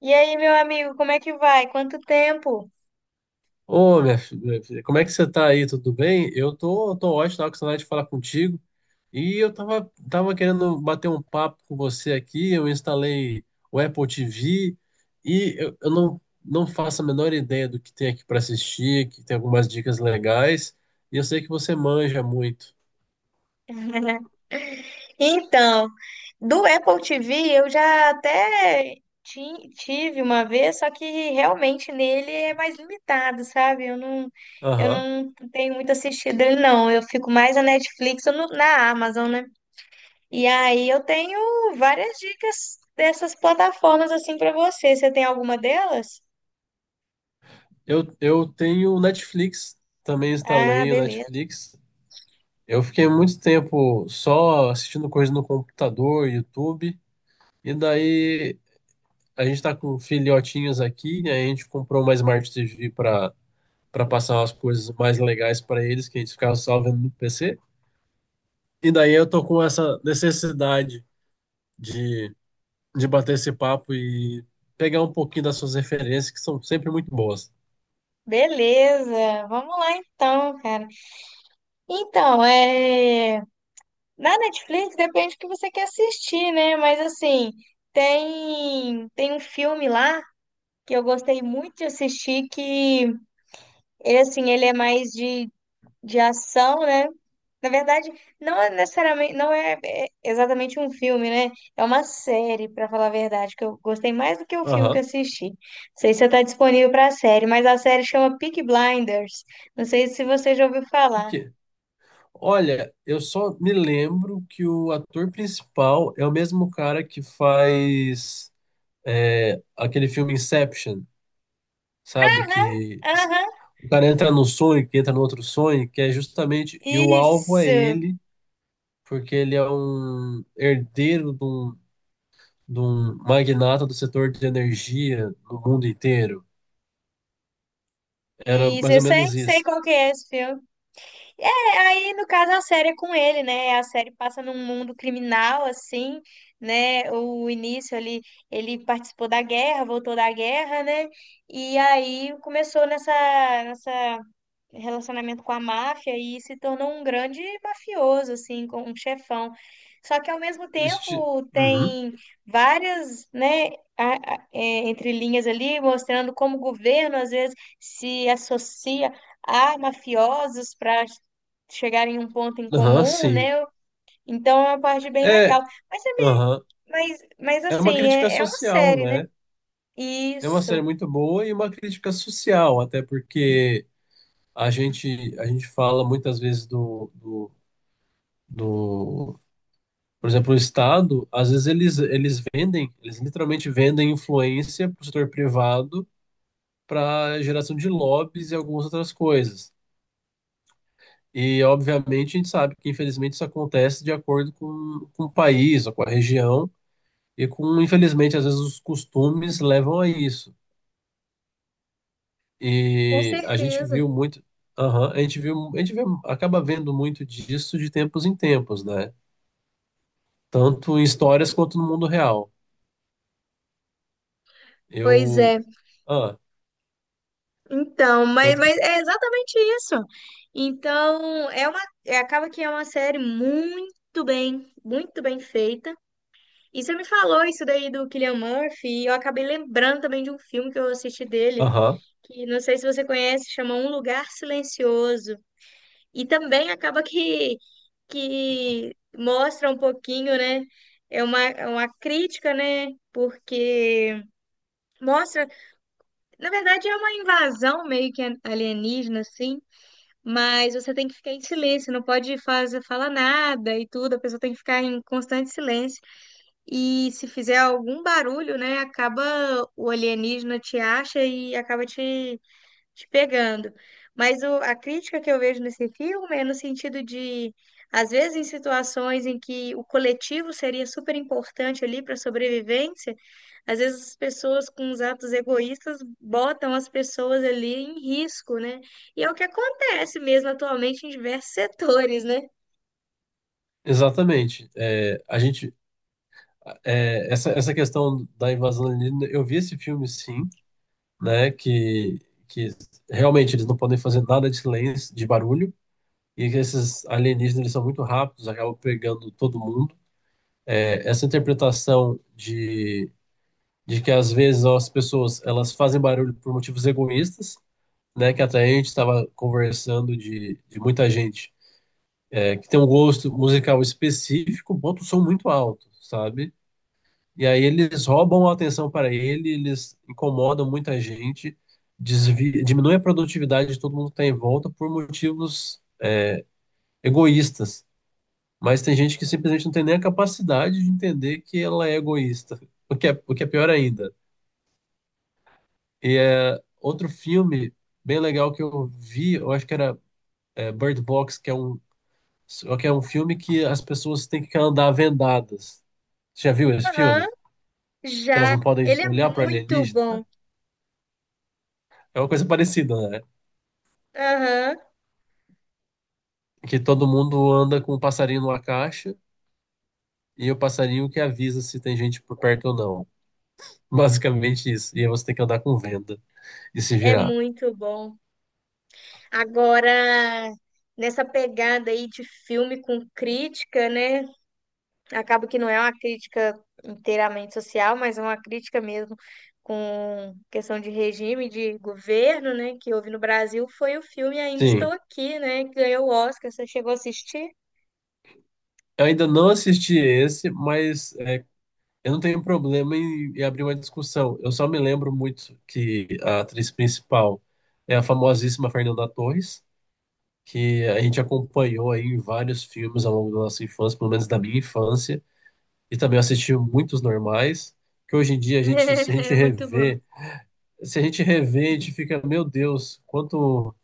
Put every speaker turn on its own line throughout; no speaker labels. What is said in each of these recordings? E aí, meu amigo, como é que vai? Quanto tempo?
Ô, minha filha, como é que você tá aí? Tudo bem? Eu tô ótimo, tava com saudade de falar contigo. E eu tava querendo bater um papo com você aqui. Eu instalei o Apple TV e eu não faço a menor ideia do que tem aqui para assistir, que tem algumas dicas legais. E eu sei que você manja muito.
Então, do Apple TV eu já até tive uma vez, só que realmente nele é mais limitado, sabe? Eu
Aham.
não tenho muito assistido ele, não. Eu fico mais na Netflix ou na Amazon, né? E aí eu tenho várias dicas dessas plataformas assim para você. Você tem alguma delas?
Eu tenho o Netflix, também
Ah,
instalei o
beleza.
Netflix. Eu fiquei muito tempo só assistindo coisas no computador, YouTube. E daí a gente tá com filhotinhos aqui, e aí a gente comprou uma Smart TV para passar umas coisas mais legais para eles, que a gente ficava só vendo no PC. E daí eu tô com essa necessidade de, de bater esse papo e pegar um pouquinho das suas referências, que são sempre muito boas.
Beleza. Vamos lá então, cara. Então, é. Na Netflix depende do que você quer assistir, né? Mas assim, tem um filme lá que eu gostei muito de assistir que ele assim, ele é mais de ação, né? Na verdade, não é exatamente um filme, né? É uma série, pra falar a verdade, que eu gostei mais do que o filme que eu
Aham.
assisti. Não sei se está disponível pra série, mas a série chama Peaky Blinders. Não sei se você já ouviu
E
falar.
que? Olha, eu só me lembro que o ator principal é o mesmo cara que faz aquele filme Inception, sabe?
Aham,
Que
aham,
o cara entra num sonho, que entra no outro sonho, que é justamente. E o alvo é
isso.
ele, porque ele é um herdeiro de um magnata do setor de energia no mundo inteiro. Era
Isso,
mais
eu
ou
sei,
menos
sei
isso.
qual que é esse filme. É, aí no caso a série é com ele, né? A série passa num mundo criminal, assim, né? O início ali, ele participou da guerra, voltou da guerra, né? E aí começou nessa relacionamento com a máfia e se tornou um grande mafioso, assim, com um chefão. Só que ao mesmo
Este...
tempo
Uhum.
tem várias, né, entrelinhas ali mostrando como o governo às vezes se associa a mafiosos para chegarem em um ponto em
Aham,
comum,
sim.
né? Então é uma parte bem legal.
É,
Mas, é bem-
aham. É uma crítica
é uma
social,
série, né?
né? É uma
Isso,
série muito boa e uma crítica social, até porque a gente fala muitas vezes do, Por exemplo, o Estado, às vezes eles vendem, eles literalmente vendem influência para o setor privado para geração de lobbies e algumas outras coisas. E, obviamente, a gente sabe que, infelizmente, isso acontece de acordo com o país ou com a região e com, infelizmente, às vezes os costumes levam a isso.
com
E a gente
certeza.
viu muito, aham, a gente viu, a gente vê, acaba vendo muito disso de tempos em tempos, né? Tanto em histórias quanto no mundo real.
Pois
Eu,
é.
ah,
Então,
tanto que,
mas é exatamente isso. Então, é- acaba que é uma série muito bem feita. E você me falou isso daí do Cillian Murphy, e eu acabei lembrando também de um filme que eu assisti dele,
aham.
que não sei se você conhece, chama Um Lugar Silencioso. E também acaba que mostra um pouquinho, né? É uma crítica, né? Porque mostra, na verdade, é uma invasão meio que alienígena, assim. Mas você tem que ficar em silêncio, não pode fazer, falar nada e tudo, a pessoa tem que ficar em constante silêncio. E se fizer algum barulho, né, acaba o alienígena te acha e acaba te pegando. Mas a crítica que eu vejo nesse filme é no sentido de, às vezes, em situações em que o coletivo seria super importante ali para a sobrevivência, às vezes as pessoas com os atos egoístas botam as pessoas ali em risco, né? E é o que acontece mesmo atualmente em diversos setores, né?
Exatamente. É, a gente, é, essa questão da invasão alienígena, eu vi esse filme sim, né? Que realmente eles não podem fazer nada de silêncio, de barulho, e que esses alienígenas eles são muito rápidos, acabam pegando todo mundo. É, essa interpretação de que às vezes ó, as pessoas elas fazem barulho por motivos egoístas, né? Que até a gente estava conversando de muita gente é, que tem um gosto musical específico, bota o som muito alto, sabe? E aí eles roubam a atenção para ele, eles incomodam muita gente, diminui a produtividade de todo mundo que está em volta por motivos egoístas. Mas tem gente que simplesmente não tem nem a capacidade de entender que ela é egoísta, o que é pior ainda. E é outro filme bem legal que eu vi, eu acho que era Bird Box, que é que é um filme que as pessoas têm que andar vendadas. Você já viu esse
Aham,
filme? Que elas
já.
não podem
Ele é
olhar para
muito bom.
alienígena? É uma coisa parecida, né?
Aham,
Que todo mundo anda com um passarinho numa caixa e o passarinho que avisa se tem gente por perto ou não. Basicamente isso. E aí você tem que andar com venda e se
é
virar.
muito bom. Agora, nessa pegada aí de filme com crítica, né? Acaba que não é uma crítica inteiramente social, mas é uma crítica mesmo com questão de regime, de governo, né? Que houve no Brasil foi o filme Ainda Estou
Sim,
Aqui, né? Que ganhou o Oscar. Você chegou a assistir?
eu ainda não assisti esse, mas é, eu não tenho problema em abrir uma discussão. Eu só me lembro muito que a atriz principal é a famosíssima Fernanda Torres, que a gente acompanhou aí em vários filmes ao longo da nossa infância, pelo menos da minha infância, e também assisti muitos normais, que hoje em dia a gente,
É muito bom.
se a gente revê, a gente fica, meu Deus,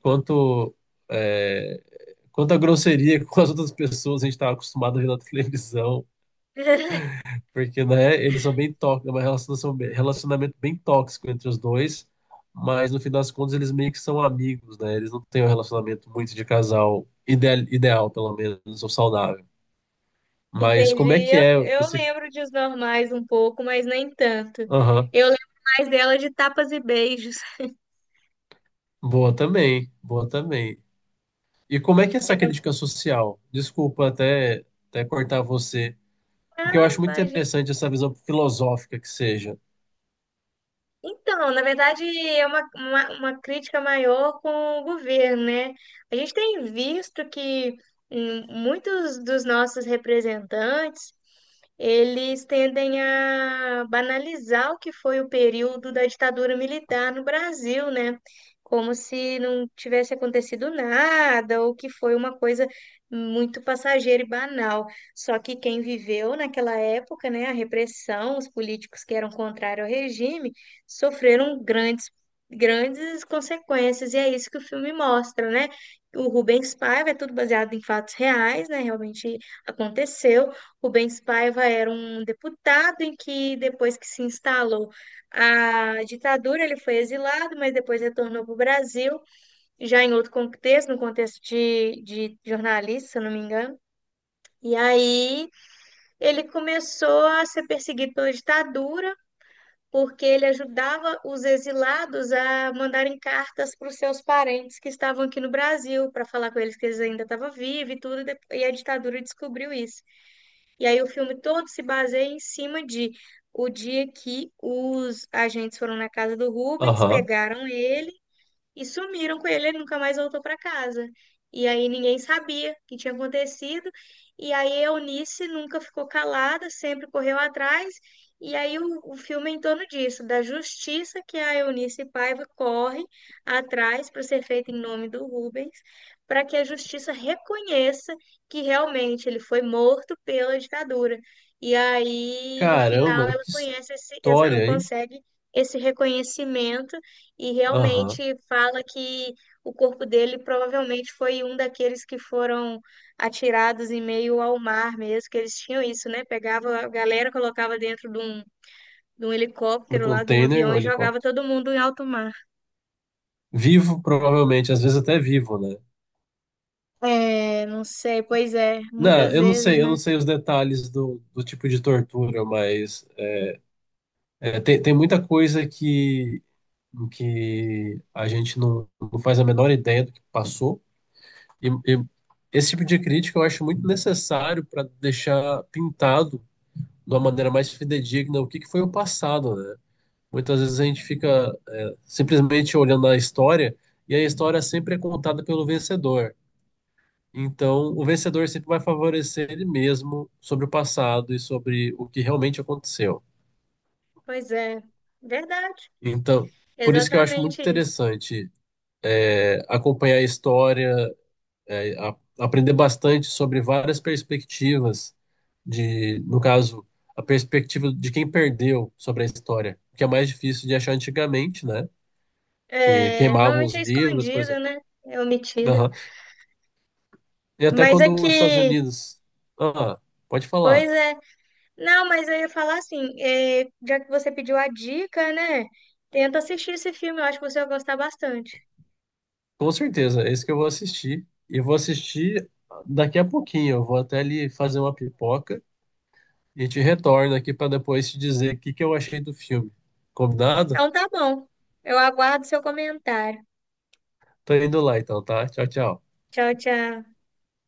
quanto, é, quanta grosseria com as outras pessoas a gente estava acostumado a ver na televisão, porque, né, eles são bem tóxicos, é um relacionamento bem tóxico entre os dois, mas no fim das contas eles meio que são amigos, né, eles não têm um relacionamento muito de casal ideal, ideal pelo menos, ou saudável. Mas
Entendi.
como é que é
Eu
esse...
lembro de Os Normais um pouco, mas nem tanto.
Aham,
Eu lembro mais dela de Tapas e Beijos.
boa também, boa também. E como é que é essa crítica social? Desculpa até, até cortar você, porque eu
Ah,
acho muito
imagina.
interessante essa visão filosófica que seja.
Então, na verdade, é uma crítica maior com o governo, né? A gente tem visto que muitos dos nossos representantes, eles tendem a banalizar o que foi o período da ditadura militar no Brasil, né? Como se não tivesse acontecido nada, ou que foi uma coisa muito passageira e banal. Só que quem viveu naquela época, né, a repressão, os políticos que eram contrários ao regime, sofreram grandes consequências, e é isso que o filme mostra, né? O Rubens Paiva é tudo baseado em fatos reais, né? Realmente aconteceu. Rubens Paiva era um deputado em que, depois que se instalou a ditadura, ele foi exilado, mas depois retornou para o Brasil, já em outro contexto, no contexto de jornalista, se eu não me engano. E aí ele começou a ser perseguido pela ditadura porque ele ajudava os exilados a mandarem cartas para os seus parentes que estavam aqui no Brasil, para falar com eles que eles ainda estavam vivos e tudo, e e a ditadura descobriu isso. E aí o filme todo se baseia em cima de o dia que os agentes foram na casa do Rubens,
Aham.
pegaram ele e sumiram com ele, ele nunca mais voltou para casa. E aí ninguém sabia o que tinha acontecido, e aí a Eunice nunca ficou calada, sempre correu atrás, e aí o filme é em torno disso, da justiça que a Eunice Paiva corre atrás para ser feita em nome do Rubens, para que a justiça reconheça que realmente ele foi morto pela ditadura. E aí, no final,
Caramba,
ela
que
conhece esse, ela
história, hein?
consegue esse reconhecimento e realmente
Aham.
fala que o corpo dele provavelmente foi um daqueles que foram atirados em meio ao mar mesmo, que eles tinham isso, né? Pegava a galera, colocava dentro de um
Do
helicóptero lá, de um
container
avião
ou
e jogava
helicóptero?
todo mundo em alto mar.
Vivo, provavelmente, às vezes até vivo, né?
É, não sei, pois é,
Não,
muitas vezes,
eu não
né?
sei os detalhes do tipo de tortura, mas é, tem, tem muita coisa que a gente não faz a menor ideia do que passou. E esse tipo de crítica eu acho muito necessário para deixar pintado de uma maneira mais fidedigna o que que foi o passado, né? Muitas vezes a gente fica é, simplesmente olhando a história e a história sempre é contada pelo vencedor. Então, o vencedor sempre vai favorecer ele mesmo sobre o passado e sobre o que realmente aconteceu.
Pois é, verdade,
Então, por isso que eu acho muito
exatamente isso.
interessante é, acompanhar a história é, aprender bastante sobre várias perspectivas de, no caso, a perspectiva de quem perdeu sobre a história, que é mais difícil de achar antigamente, né? Que
É,
queimavam os
normalmente é
livros, por
escondida,
exemplo.
né? É omitida.
Aham. E até
Mas
quando os Estados
aqui,
Unidos. Ah, pode
pois
falar.
é. Não, mas eu ia falar assim, é, já que você pediu a dica, né? Tenta assistir esse filme, eu acho que você vai gostar bastante.
Com certeza, é esse que eu vou assistir. E vou assistir daqui a pouquinho. Eu vou até ali fazer uma pipoca e te retorno aqui para depois te dizer o que que eu achei do filme. Combinado?
Então tá bom. Eu aguardo seu comentário.
Tô indo lá então, tá? Tchau, tchau.
Tchau, tchau.